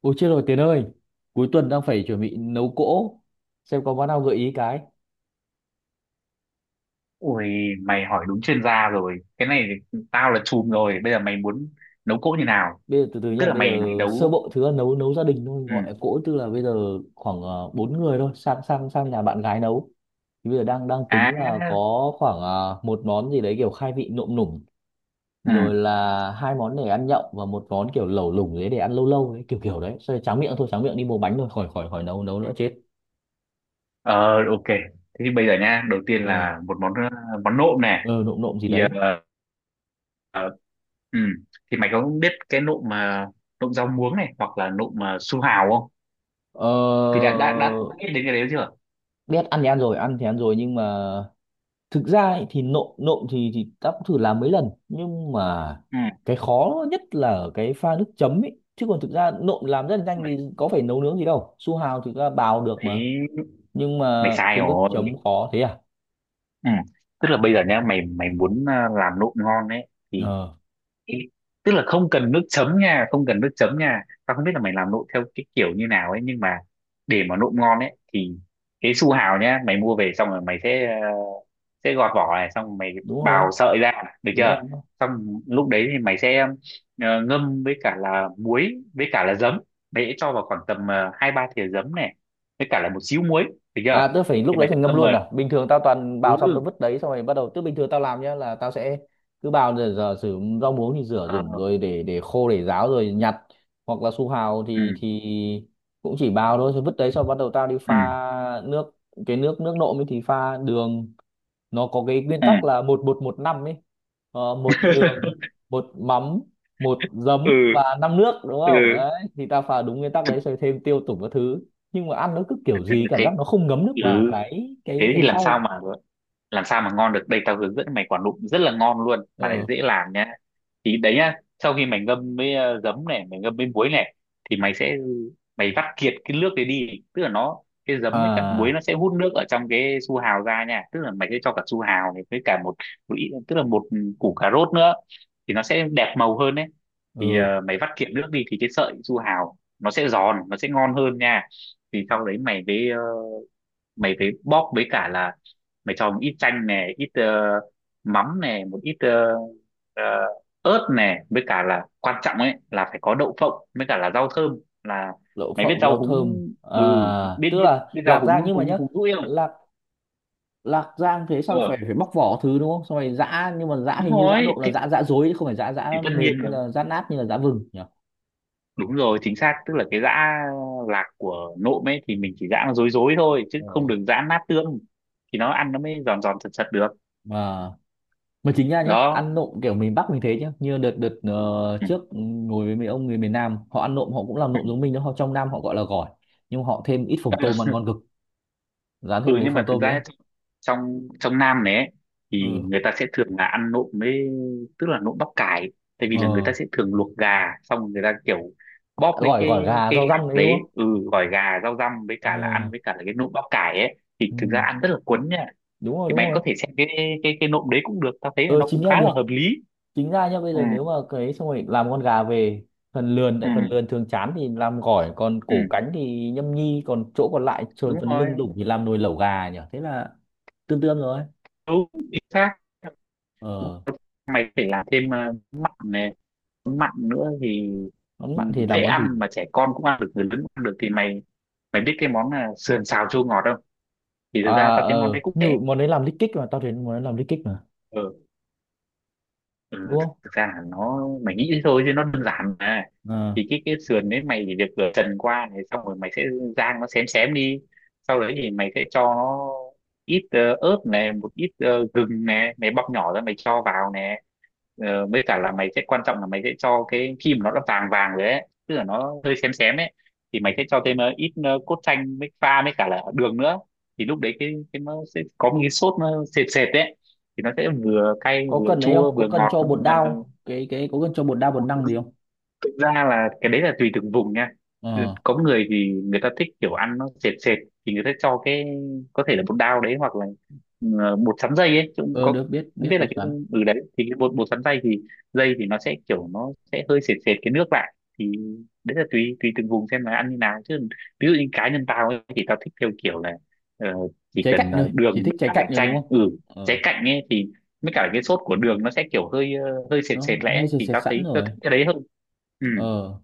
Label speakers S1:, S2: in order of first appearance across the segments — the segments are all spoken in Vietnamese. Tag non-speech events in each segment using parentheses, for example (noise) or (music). S1: Ôi chết rồi Tiến ơi. Cuối tuần đang phải chuẩn bị nấu cỗ. Xem có món nào gợi ý cái.
S2: Ui, Mày hỏi đúng chuyên gia rồi. Cái này thì tao là chùm rồi. Bây giờ mày muốn nấu cỗ như nào?
S1: Bây giờ từ từ
S2: Tức
S1: nhá.
S2: là
S1: Bây
S2: mày mày
S1: giờ sơ
S2: nấu
S1: bộ thứ là nấu nấu gia đình thôi. Gọi là
S2: ừ.
S1: cỗ, tức là bây giờ khoảng 4 người thôi. Sang sang sang nhà bạn gái nấu. Thì bây giờ đang đang
S2: À,
S1: tính là có khoảng một món gì đấy kiểu khai vị nộm nủng.
S2: ừ.
S1: Rồi là hai món để ăn nhậu. Và một món kiểu lẩu lủng đấy để ăn lâu lâu đấy. Kiểu kiểu đấy. Xong rồi tráng miệng thôi, tráng miệng đi mua bánh thôi. Khỏi khỏi khỏi nấu nấu nữa chết.
S2: Ờ, ok. Thế thì bây giờ nha, đầu tiên
S1: Ờ.
S2: là một món món nộm này.
S1: Ờ Nộm nộm gì
S2: Thì
S1: đấy.
S2: ờ, ờ, ừ. Thì mày có biết cái nộm mà nộm rau muống này hoặc là nộm mà su hào không?
S1: Ờ
S2: Thì đã biết đến cái đấy chưa?
S1: Biết ăn thì ăn rồi, ăn thì ăn rồi, nhưng mà thực ra ấy, thì nộm nộm thì ta cũng thử làm mấy lần, nhưng mà
S2: Ừ.
S1: cái khó nhất là ở cái pha nước chấm ấy, chứ còn thực ra nộm làm rất là nhanh,
S2: Mày-
S1: vì có phải nấu nướng gì đâu, su hào thì ta bào được mà.
S2: Đấy,
S1: Nhưng
S2: mày
S1: mà
S2: sai
S1: cái nước
S2: rồi.
S1: chấm khó thế à?
S2: Ừ. Tức là bây giờ nhá, mày mày muốn làm nộm ngon đấy thì
S1: ờ
S2: Ý- tức là không cần nước chấm nha, không cần nước chấm nha, tao không biết là mày làm nộm theo cái kiểu như nào ấy, nhưng mà để mà nộm ngon ấy thì cái su hào nhá, mày mua về xong rồi mày sẽ sẽ gọt vỏ này, xong rồi mày
S1: Đúng rồi,
S2: bào sợi ra, được
S1: đúng
S2: chưa,
S1: rồi.
S2: xong lúc đấy thì mày sẽ ngâm với cả là muối với cả là giấm, mày sẽ cho vào khoảng tầm hai ba thìa giấm này, với cả là một xíu muối, được
S1: À
S2: chưa,
S1: tớ phải lúc
S2: thì
S1: đấy
S2: mày sẽ
S1: phải ngâm
S2: ngâm
S1: luôn
S2: mà.
S1: à? Bình thường tao toàn bào xong
S2: Ừ.
S1: tao vứt đấy. Xong rồi bắt đầu. Tức bình thường tao làm nhá là tao sẽ cứ bào, rồi giờ sử rau muống thì rửa
S2: ờ,
S1: dùng, rồi để khô để ráo rồi nhặt. Hoặc là su hào
S2: ừ
S1: thì cũng chỉ bào thôi, rồi vứt đấy xong bắt đầu tao đi
S2: ừ
S1: pha nước. Cái nước nước nộm ấy thì pha đường. Nó có cái nguyên
S2: ừ.
S1: tắc là một bột một năm ấy. Một đường,
S2: (laughs)
S1: một mắm, một giấm
S2: ừ
S1: và năm nước, đúng không?
S2: ừ
S1: Đấy, thì ta pha đúng nguyên tắc đấy rồi thêm tiêu tủng các thứ. Nhưng mà ăn nó cứ kiểu gì cảm
S2: cái
S1: giác nó không ngấm được vào
S2: ừ
S1: cái cái
S2: Thế thì
S1: cái
S2: làm sao
S1: rau.
S2: mà, làm sao mà ngon được, đây tao hướng dẫn mày quả nụm rất là ngon luôn mà lại
S1: Ờ.
S2: dễ làm nhá. Thì đấy nhá, sau khi mày ngâm với giấm này, mày ngâm với muối này, thì mày vắt kiệt cái nước đấy đi, tức là nó, cái giấm với cả muối
S1: À.
S2: nó sẽ hút nước ở trong cái su hào ra nha, tức là mày sẽ cho cả su hào này với cả một, một ít, tức là một củ cà rốt nữa thì nó sẽ đẹp màu hơn đấy. Thì
S1: Ừ.
S2: mày vắt kiệt nước đi thì cái sợi su hào nó sẽ giòn, nó sẽ ngon hơn nha. Thì sau đấy mày với mày phải bóp với cả là mày cho một ít chanh này, ít mắm này, một ít ờ, ớt này, với cả là quan trọng ấy là phải có đậu phộng với cả là rau thơm, là
S1: Đậu
S2: mày biết
S1: phộng
S2: rau
S1: rau
S2: húng,
S1: thơm à?
S2: ừ, biết
S1: Tức
S2: biết
S1: là
S2: biết rau
S1: lạc
S2: húng
S1: rang,
S2: húng
S1: nhưng mà nhá,
S2: húng rũi không.
S1: lạc lạc rang thế sau phải
S2: Ờ,
S1: phải bóc vỏ thứ đúng không, xong rồi giã. Nhưng mà giã
S2: đúng
S1: hình như giã
S2: rồi
S1: nộm là giã giã dối, chứ không phải giã
S2: thì
S1: giã
S2: tất
S1: mềm,
S2: nhiên
S1: như
S2: rồi,
S1: là giã nát, như là giã vừng nhỉ.
S2: đúng rồi, chính xác, tức là cái giã lạc của nộm ấy thì mình chỉ giã nó dối dối thôi chứ không
S1: ờ
S2: được giã nát tương thì nó ăn nó mới giòn giòn sật sật được.
S1: À mà chính ra nhá,
S2: Đó.
S1: ăn nộm kiểu miền Bắc mình thế nhá, như đợt đợt
S2: Ừ.
S1: trước ngồi với mấy ông người miền Nam, họ ăn nộm họ cũng làm nộm giống mình đó, họ trong Nam họ gọi là gỏi. Nhưng họ thêm ít phồng tôm ăn ngon cực, dán thêm
S2: Ừ,
S1: mấy
S2: nhưng mà
S1: phồng
S2: thực
S1: tôm
S2: ra
S1: nữa.
S2: trong trong Nam này ấy, thì
S1: Ừ.
S2: người ta sẽ thường là ăn nộm với, tức là nộm bắp cải, tại vì là người
S1: Ờ.
S2: ta sẽ thường luộc gà xong rồi người ta kiểu bóp mấy
S1: gỏi
S2: cái
S1: Gỏi gà
S2: cái
S1: rau
S2: gà
S1: răm đấy đúng
S2: đấy,
S1: không?
S2: ừ, gỏi gà rau răm với
S1: Ờ.
S2: cả là ăn với cả là cái nộm bắp cải ấy thì
S1: Ừ,
S2: thực ra ăn rất là cuốn nha.
S1: đúng rồi,
S2: Thì
S1: đúng
S2: mày
S1: rồi.
S2: có thể xem cái cái nộm đấy cũng được, tao thấy là
S1: Ờ
S2: nó
S1: Chính
S2: cũng
S1: ra
S2: khá là hợp
S1: được.
S2: lý.
S1: Chính ra nhá, bây giờ nếu
S2: Ừ.
S1: mà cái, xong rồi làm con gà về, phần lườn, tại phần
S2: Ừ.
S1: lườn thường chán thì làm gỏi, còn
S2: Ừ,
S1: cổ cánh thì nhâm nhi, còn chỗ còn lại trồn
S2: đúng
S1: phần lưng
S2: rồi.
S1: đủng thì làm nồi lẩu gà nhỉ, thế là tương tương rồi.
S2: Đúng chính xác.
S1: ờ
S2: Mày phải làm thêm mặn này, mặn nữa thì
S1: Món mặn thì
S2: dễ
S1: làm món gì?
S2: ăn mà trẻ con cũng ăn được, người lớn cũng ăn được. Thì mày mày biết cái món là sườn xào chua ngọt không? Thì
S1: À,
S2: thực ra tao thấy món đấy cũng
S1: như
S2: dễ.
S1: món đấy làm lít kích mà, tao thấy món đấy làm lít kích mà,
S2: Ừ. Ừ,
S1: đúng không?
S2: thực ra là nó mày nghĩ thế thôi chứ nó đơn giản mà.
S1: Ờ.
S2: Thì cái sườn đấy mày chỉ việc rửa trần qua này, xong rồi mày sẽ rang nó xém xém đi, sau đấy thì mày sẽ cho nó ít ớt này, một ít gừng này, mày bóc nhỏ ra mày cho vào nè. Ờ, với cả là mày sẽ quan trọng là mày sẽ cho cái khi mà nó đã vàng vàng rồi ấy, tức là nó hơi xém xém ấy, thì mày sẽ cho thêm ít cốt chanh với pha với cả là đường nữa, thì lúc đấy cái nó sẽ có một cái sốt nó sệt sệt đấy, thì nó sẽ vừa cay
S1: Có
S2: vừa
S1: cần ấy không,
S2: chua
S1: có
S2: vừa
S1: cần
S2: ngọt
S1: cho
S2: nó
S1: bột
S2: cũng là.
S1: đao, cái có cần cho bột đao bột năng gì không?
S2: Thực ra là cái đấy là tùy từng vùng nha. Ừ,
S1: ờ
S2: có người thì người ta thích kiểu ăn nó sệt sệt thì người ta cho cái, có thể là bột đao đấy, hoặc là bột sắn dây ấy chứ cũng
S1: ờ
S2: có,
S1: Được, biết
S2: không
S1: biết
S2: biết là
S1: bột
S2: cái,
S1: sắn.
S2: ừ, đấy thì cái bột bột sắn dây thì nó sẽ kiểu nó sẽ hơi sệt sệt cái nước lại, thì đấy là tùy tùy từng vùng xem là ăn như nào chứ. Ví dụ như cá nhân tao ấy thì tao thích theo kiểu là ờ, chỉ
S1: Trái
S2: cần
S1: cạnh rồi,
S2: đường
S1: chỉ thích
S2: với
S1: trái
S2: cả
S1: cạnh
S2: là
S1: rồi đúng
S2: chanh,
S1: không?
S2: ừ,
S1: ờ
S2: trái cạnh ấy thì với cả cái sốt của đường nó sẽ kiểu hơi hơi sệt
S1: nó
S2: sệt lẽ
S1: hơi sệt
S2: thì
S1: sệt
S2: tao
S1: sẵn
S2: thấy tao
S1: rồi.
S2: thích cái đấy hơn. Ừ,
S1: ờ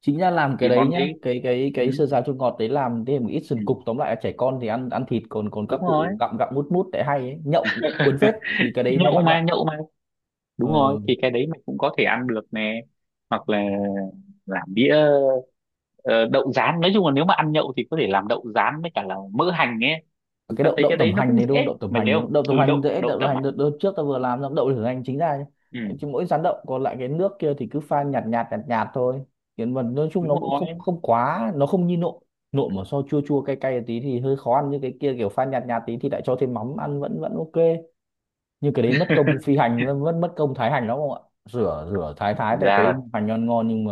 S1: Chính ra làm cái
S2: thì
S1: đấy
S2: món
S1: nhá,
S2: đấy,
S1: cái cái
S2: ừ,
S1: cái sơ sáo chua ngọt đấy, làm thêm một ít
S2: ừ,
S1: sườn cục, tóm lại là trẻ con thì ăn ăn thịt, còn còn các
S2: đúng rồi.
S1: cụ gặm gặm mút mút, để hay ấy nhậu cuốn phết vì cái đấy
S2: Nhậu.
S1: nó
S2: Nhậu
S1: mặn mặn.
S2: mà, nhậu mà đúng rồi
S1: ờ
S2: thì cái đấy mình cũng có thể ăn được nè. Hoặc là làm đĩa ờ, đậu rán, nói chung là nếu mà ăn nhậu thì có thể làm đậu rán với cả là mỡ hành ấy, thì
S1: cái
S2: tao
S1: đậu
S2: thấy
S1: đậu
S2: cái
S1: tẩm
S2: đấy nó
S1: hành
S2: cũng
S1: đấy đúng không,
S2: dễ,
S1: đậu tẩm
S2: mày
S1: hành
S2: thấy
S1: đấy đúng
S2: không,
S1: không? Đậu tẩm
S2: ừ,
S1: hành
S2: đậu
S1: dễ,
S2: đậu
S1: đậu tẩm
S2: tẩm
S1: hành
S2: hành.
S1: đợt trước ta vừa làm xong đậu tẩm hành, chính ra nhá.
S2: Ừ,
S1: Chứ mỗi rán đậu còn lại cái nước kia thì cứ pha nhạt nhạt nhạt nhạt thôi. Hiện vật nói chung
S2: đúng
S1: nó cũng không
S2: rồi.
S1: không quá, nó không như nộm. Nộm mà so chua chua cay cay tí thì hơi khó ăn, như cái kia kiểu pha nhạt nhạt tí thì lại cho thêm mắm ăn vẫn vẫn ok. Nhưng cái đấy mất công phi hành, mất mất mất công thái hành lắm không ạ. Rửa Rửa thái thái,
S2: Thực
S1: tại
S2: ra
S1: cái
S2: là,
S1: hành ngon ngon, nhưng mà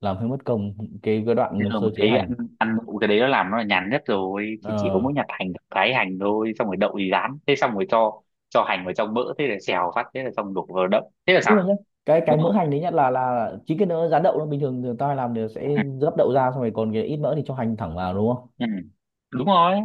S1: làm hơi mất công cái đoạn
S2: nhưng mà
S1: sơ chế
S2: thấy ăn,
S1: hành.
S2: ăn đậu cái đấy nó làm nó là nhàn nhất rồi, thì chỉ có
S1: Ờ
S2: mỗi nhặt hành thái hành thôi, xong rồi đậu thì rán thế, xong rồi cho hành vào trong mỡ thế là xèo phát thế là xong, đổ vào đậu thế là
S1: nhưng
S2: xong,
S1: mà nhá, cái
S2: đúng
S1: mỡ
S2: không?
S1: hành đấy, nhất là chính cái nó rán đậu, nó bình thường thường tao hay làm thì sẽ gấp đậu ra, xong rồi còn cái ít mỡ thì cho hành thẳng vào, đúng không?
S2: Ừ. Đúng rồi,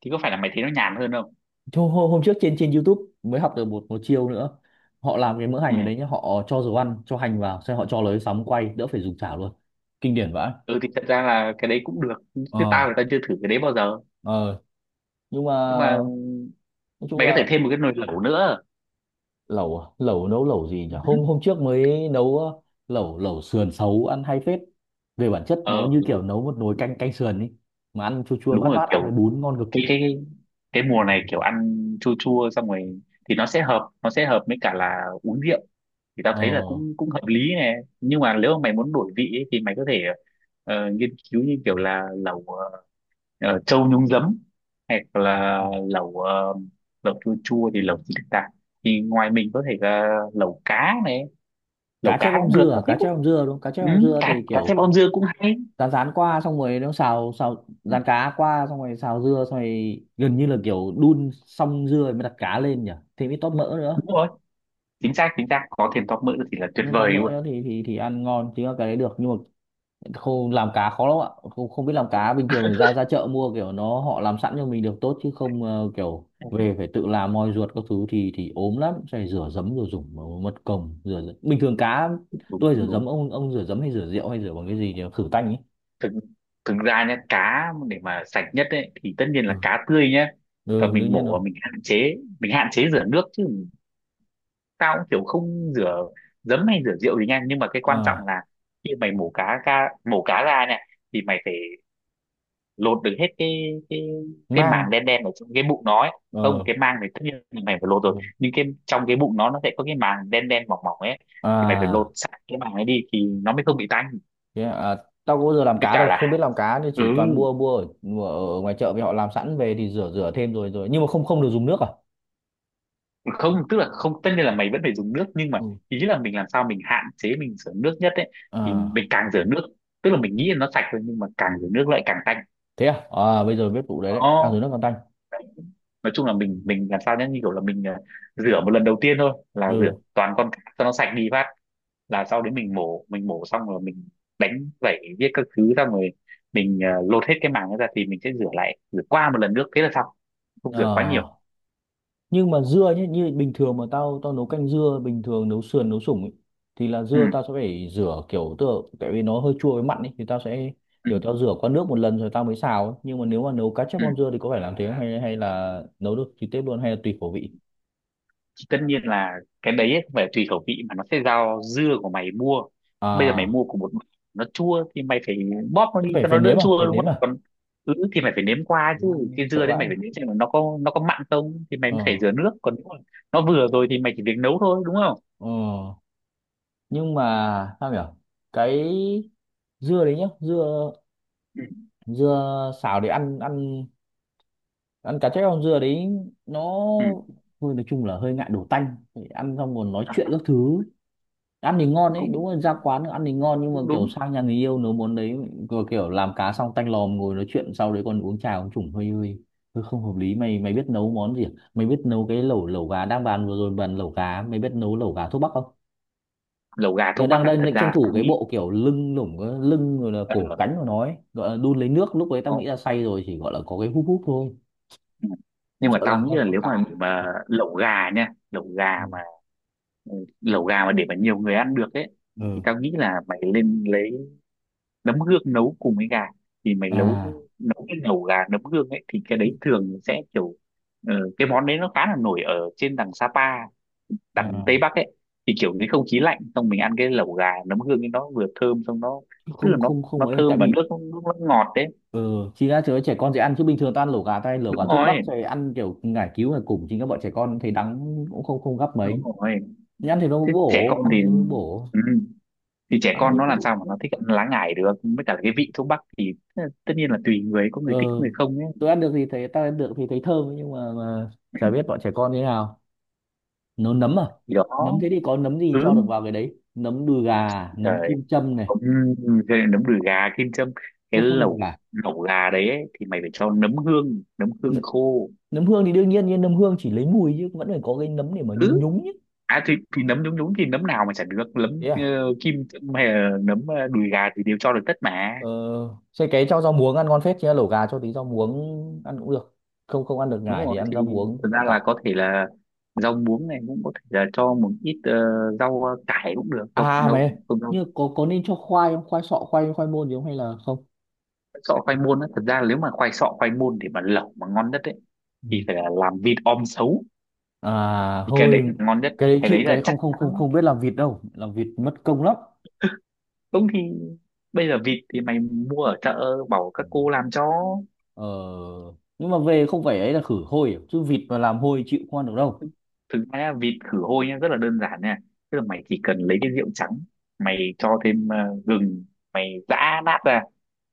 S2: thì có phải là mày thấy nó nhàn hơn không.
S1: Thôi, hôm trước trên trên YouTube mới học được một một chiêu nữa, họ làm cái mỡ
S2: Ừ.
S1: hành ở đấy nhá, họ cho dầu ăn cho hành vào, xong họ cho lấy sóng quay, đỡ phải dùng chảo luôn, kinh điển vãi.
S2: Ừ thì thật ra là cái đấy cũng được, chứ
S1: ờ
S2: tao thì tao chưa thử cái đấy bao giờ,
S1: ờ nhưng mà
S2: nhưng mà
S1: nói chung
S2: mày có
S1: là
S2: thể thêm một cái nồi lẩu nữa.
S1: lẩu à? Lẩu nấu lẩu gì nhỉ,
S2: Ừ.
S1: hôm hôm trước mới nấu lẩu lẩu sườn xấu ăn hay phết. Về bản chất nó
S2: Ờ,
S1: như kiểu nấu một nồi canh canh sườn ý, mà ăn chua chua
S2: đúng
S1: mát
S2: rồi,
S1: mát ăn với
S2: kiểu
S1: bún ngon cực.
S2: cái cái cái mùa này kiểu ăn chua chua xong rồi thì nó sẽ hợp, nó sẽ hợp với cả là uống rượu, thì tao
S1: Ờ.
S2: thấy là cũng cũng hợp lý nè, nhưng mà nếu mà mày muốn đổi vị ấy, thì mày có thể nghiên cứu như kiểu là lẩu trâu nhúng giấm, hoặc là
S1: Ừ.
S2: lẩu lẩu chua chua thì lẩu gì được ta, thì ngoài mình có thể là lẩu cá này, lẩu
S1: Cá chép
S2: cá
S1: om
S2: cũng được,
S1: dưa à?
S2: tao thích
S1: Cá chép
S2: cũng,
S1: om dưa đúng, cá chép
S2: ừ,
S1: om dưa
S2: cá
S1: thì
S2: cá thêm
S1: kiểu
S2: om dưa cũng hay.
S1: rán rán qua, xong rồi nó xào xào
S2: Ừ,
S1: rán cá qua xong rồi xào dưa, xong rồi gần như là kiểu đun xong dưa rồi mới đặt cá lên nhỉ, thì mới tóp mỡ nữa.
S2: đúng rồi, chính xác, chính xác, có thêm top mỡ thì là tuyệt
S1: Nhưng tóp
S2: vời
S1: mỡ
S2: luôn.
S1: nữa thì ăn ngon, chứ cái đấy được. Nhưng mà không làm cá khó lắm ạ, không không biết làm cá bình thường, thì ra ra chợ mua kiểu nó họ làm sẵn cho mình được tốt, chứ không kiểu về phải tự làm moi ruột các thứ thì ốm lắm, phải rửa giấm rồi dùng mật cồng rửa giấm. Bình thường cá
S2: đúng
S1: tôi
S2: đúng
S1: rửa
S2: đúng.
S1: giấm, ông rửa giấm hay rửa rượu hay rửa bằng cái gì nhỉ, khử tanh ấy.
S2: Thực Thực ra nhé, cá để mà sạch nhất ấy, thì tất nhiên là
S1: Ừ,
S2: cá tươi nhé, và
S1: ừ đương
S2: mình
S1: nhiên
S2: mổ
S1: rồi.
S2: và mình hạn chế, rửa nước chứ, tao cũng kiểu không rửa giấm hay rửa rượu gì nha, nhưng mà cái quan trọng
S1: À.
S2: là khi mày mổ cá ra, này thì mày phải lột được hết cái cái màng
S1: Mang.
S2: đen đen ở trong cái bụng nó ấy. Không,
S1: Ờ.
S2: cái màng này tất nhiên là mày phải lột rồi,
S1: Ừ.
S2: nhưng cái trong cái bụng nó sẽ có cái màng đen đen mỏng mỏng ấy, thì mày phải lột
S1: À,
S2: sạch cái màng ấy đi thì nó mới không bị tanh.
S1: thế à. Tao có bao giờ làm
S2: Với
S1: cá
S2: cả
S1: đâu, không biết
S2: là,
S1: làm cá nên
S2: ừ,
S1: chỉ toàn mua mua ở ngoài chợ, vì họ làm sẵn về thì rửa rửa thêm rồi rồi. Nhưng mà không không được dùng nước à?
S2: không, tức là không, tất nhiên là mày vẫn phải dùng nước, nhưng mà
S1: Ừ.
S2: ý là mình làm sao mình hạn chế mình rửa nước nhất ấy, thì
S1: À
S2: mình càng rửa nước, tức là mình nghĩ là nó sạch thôi, nhưng mà càng rửa nước lại càng tanh.
S1: thế à, bây giờ biết vụ đấy, càng dưới
S2: Đó,
S1: nước càng tanh.
S2: nói chung là mình làm sao nhá, như kiểu là mình rửa một lần đầu tiên thôi, là rửa
S1: Ừ.
S2: toàn con cá cho nó sạch đi phát, là sau đấy mình mổ, mình mổ xong rồi mình đánh vẩy viết các thứ, xong rồi mình lột hết cái màng ấy ra, thì mình sẽ rửa lại, rửa qua một lần nước thế là xong, không
S1: Ờ,
S2: rửa quá nhiều.
S1: nhưng mà dưa nhé, như bình thường mà tao tao nấu canh dưa, bình thường nấu sườn nấu sủng ấy, thì là
S2: ừ
S1: dưa tao sẽ phải rửa kiểu tựa, tại vì nó hơi chua với mặn ấy, thì tao sẽ
S2: ừ
S1: kiểu tao rửa qua nước một lần rồi tao mới xào ấy. Nhưng mà nếu mà nấu cá chép
S2: ừ
S1: con dưa thì có phải làm thế không? Hay Hay là nấu được trực tiếp luôn, hay là tùy khẩu vị?
S2: Thì tất nhiên là cái đấy ấy, không phải tùy khẩu vị mà nó sẽ do dưa của mày mua. Bây giờ mày
S1: À
S2: mua của một bạn, nó chua thì mày phải bóp nó
S1: chắc
S2: đi
S1: phải
S2: cho
S1: phải
S2: nó đỡ
S1: nếm à,
S2: chua,
S1: phải
S2: đúng
S1: nếm
S2: không,
S1: à.
S2: còn ứ thì mày phải nếm qua chứ,
S1: Nếm
S2: cái
S1: sợ
S2: dưa đấy
S1: vãi.
S2: mày phải nếm xem là nó có, nó có mặn không thì mày mới phải
S1: ờ
S2: rửa nước, còn nếu mà nó vừa rồi thì mày chỉ việc nấu thôi, đúng không.
S1: ờ nhưng mà sao nhỉ, cái dưa đấy nhá, dưa
S2: Ừ.
S1: dưa xào để ăn ăn ăn cá chép không, dưa đấy nó
S2: Ừ.
S1: thôi, nói chung là hơi ngại đổ tanh. Phải ăn xong còn nói chuyện
S2: À,
S1: các thứ, ăn thì
S2: thì
S1: ngon đấy,
S2: cũng
S1: đúng là ra quán ăn thì ngon, nhưng mà
S2: cũng
S1: kiểu
S2: đúng.
S1: sang nhà người yêu nấu món đấy, vừa kiểu làm cá xong tanh lòm, ngồi nói chuyện sau đấy còn uống trà uống chủng hơi hơi hơi không hợp lý. Mày Mày biết nấu món gì à? Mày biết nấu cái lẩu lẩu gà đang bàn vừa rồi, bàn lẩu gà, mày biết nấu lẩu gà thuốc bắc không?
S2: Lẩu gà
S1: Giờ
S2: thuốc bắc
S1: đang
S2: á,
S1: đang
S2: thật
S1: định
S2: ra
S1: tranh
S2: là
S1: thủ
S2: tao
S1: cái
S2: nghĩ
S1: bộ kiểu lưng lủng cái lưng, rồi là
S2: ờ,
S1: cổ cánh của nó ấy, gọi là đun lấy nước, lúc đấy tao nghĩ
S2: có-
S1: là say rồi chỉ gọi là có cái húp húp thôi,
S2: ừ. nhưng mà
S1: sợ
S2: tao
S1: làm
S2: nghĩ là
S1: con
S2: nếu
S1: cá.
S2: mà để mà lẩu gà nha, lẩu
S1: Ừ.
S2: gà mà, lẩu gà mà để mà nhiều người ăn được ấy, thì
S1: Ừ.
S2: tao nghĩ là mày lên lấy nấm hương nấu cùng với gà, thì mày nấu,
S1: À.
S2: nấu cái lẩu gà nấm hương ấy thì cái đấy thường sẽ kiểu cái món đấy nó khá là nổi ở trên đằng Sapa, đằng
S1: À.
S2: Tây Bắc ấy, thì kiểu cái không khí lạnh xong mình ăn cái lẩu gà nấm hương ấy nó vừa thơm xong nó, tức là
S1: Không,
S2: nó
S1: không, không
S2: nó
S1: ấy,
S2: thơm
S1: tại
S2: và
S1: vì
S2: nước nó ngọt đấy.
S1: ừ, chính ra chớ trẻ con dễ ăn, chứ bình thường ta ăn lẩu gà tay lẩu gà
S2: Đúng
S1: thuốc bắc
S2: rồi,
S1: rồi ăn kiểu ngải cứu ngải củng, chính các bọn trẻ con thấy đắng cũng không không gấp
S2: đúng
S1: mấy.
S2: rồi.
S1: Nhưng ăn thì nó mới
S2: Thế trẻ con
S1: bổ, ăn thì
S2: thì,
S1: nó mới bổ,
S2: ừ, thì trẻ
S1: ăn
S2: con
S1: thấy
S2: nó
S1: các
S2: làm
S1: vị.
S2: sao mà nó thích ăn lá ngải được, với cả cái vị thuốc bắc thì tất nhiên là tùy người, có
S1: ờ
S2: người thích có người không ấy.
S1: tôi ăn được thì thấy, ta ăn được thì thấy thơm, nhưng mà chả biết bọn trẻ con như thế nào. Nấu nấm à?
S2: Thì đó.
S1: Nấm thế thì có nấm gì
S2: Ừ.
S1: cho được vào cái đấy, nấm đùi gà, nấm
S2: Trời,
S1: kim châm này.
S2: cũng, nấm đùi gà kim châm, cái
S1: Không, không được
S2: lẩu
S1: gà,
S2: lẩu gà đấy ấy, thì mày phải cho nấm hương, nấm hương khô.
S1: nấm hương thì đương nhiên, nhưng nấm hương chỉ lấy mùi, chứ vẫn phải có cái nấm để mà nhúng
S2: Ừ,
S1: nhúng nhé.
S2: à thì nấm, đúng đúng, thì nấm nào mà chả được, nấm
S1: Thế à?
S2: ờ, kim châm hay là nấm đùi gà thì đều cho được tất mà.
S1: ờ, Xay cái cho rau muống ăn ngon phết, chứ lẩu gà cho tí rau muống ăn cũng được, không không ăn được
S2: Đúng
S1: ngải thì
S2: rồi
S1: ăn
S2: thì
S1: rau muống
S2: thực ra
S1: cũng tạm.
S2: là có thể là rau muống này, cũng có thể là cho một ít rau cải cũng được, rau
S1: À mày
S2: rau,
S1: ơi,
S2: rau,
S1: nhưng có nên cho khoai không, khoai sọ, khoai khoai môn gì không, hay là không?
S2: sọ khoai môn á, thật ra là nếu mà khoai sọ khoai môn để mà lẩu mà ngon nhất ấy
S1: Ừ.
S2: thì phải là làm vịt om sấu,
S1: À
S2: thì cái đấy là
S1: thôi,
S2: ngon nhất.
S1: cái đấy
S2: Cái
S1: chịu,
S2: đấy
S1: cái
S2: là
S1: đấy
S2: chắc
S1: không không không
S2: chắn
S1: không biết làm vịt đâu, làm vịt mất công lắm.
S2: đúng thì bây giờ vịt thì mày mua ở chợ bảo
S1: Ừ.
S2: các cô làm cho.
S1: ờ nhưng mà về không phải ấy là khử hôi à? Chứ vịt mà làm hôi chịu không ăn được đâu.
S2: Thực ra nhá, vịt khử hôi nhá rất là đơn giản nha, tức là mày chỉ cần lấy cái rượu trắng, mày cho thêm gừng, mày giã nát ra,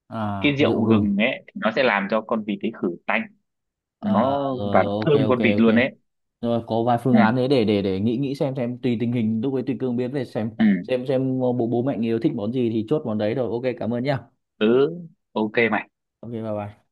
S1: À
S2: cái
S1: rượu
S2: rượu
S1: gừng.
S2: gừng ấy thì nó sẽ làm cho con vịt ấy khử tanh,
S1: À
S2: nó
S1: rồi
S2: và nó
S1: rồi, ok
S2: thơm
S1: ok
S2: con vịt luôn
S1: ok
S2: ấy.
S1: rồi, có vài phương
S2: ừ
S1: án đấy để nghĩ nghĩ xem tùy tình hình lúc ấy tùy cương biến về xem,
S2: ừ
S1: xem bố bố mẹ người yêu thích món gì thì chốt món đấy rồi, ok cảm ơn nhá.
S2: ừ Ok mày.
S1: Ok bye bye.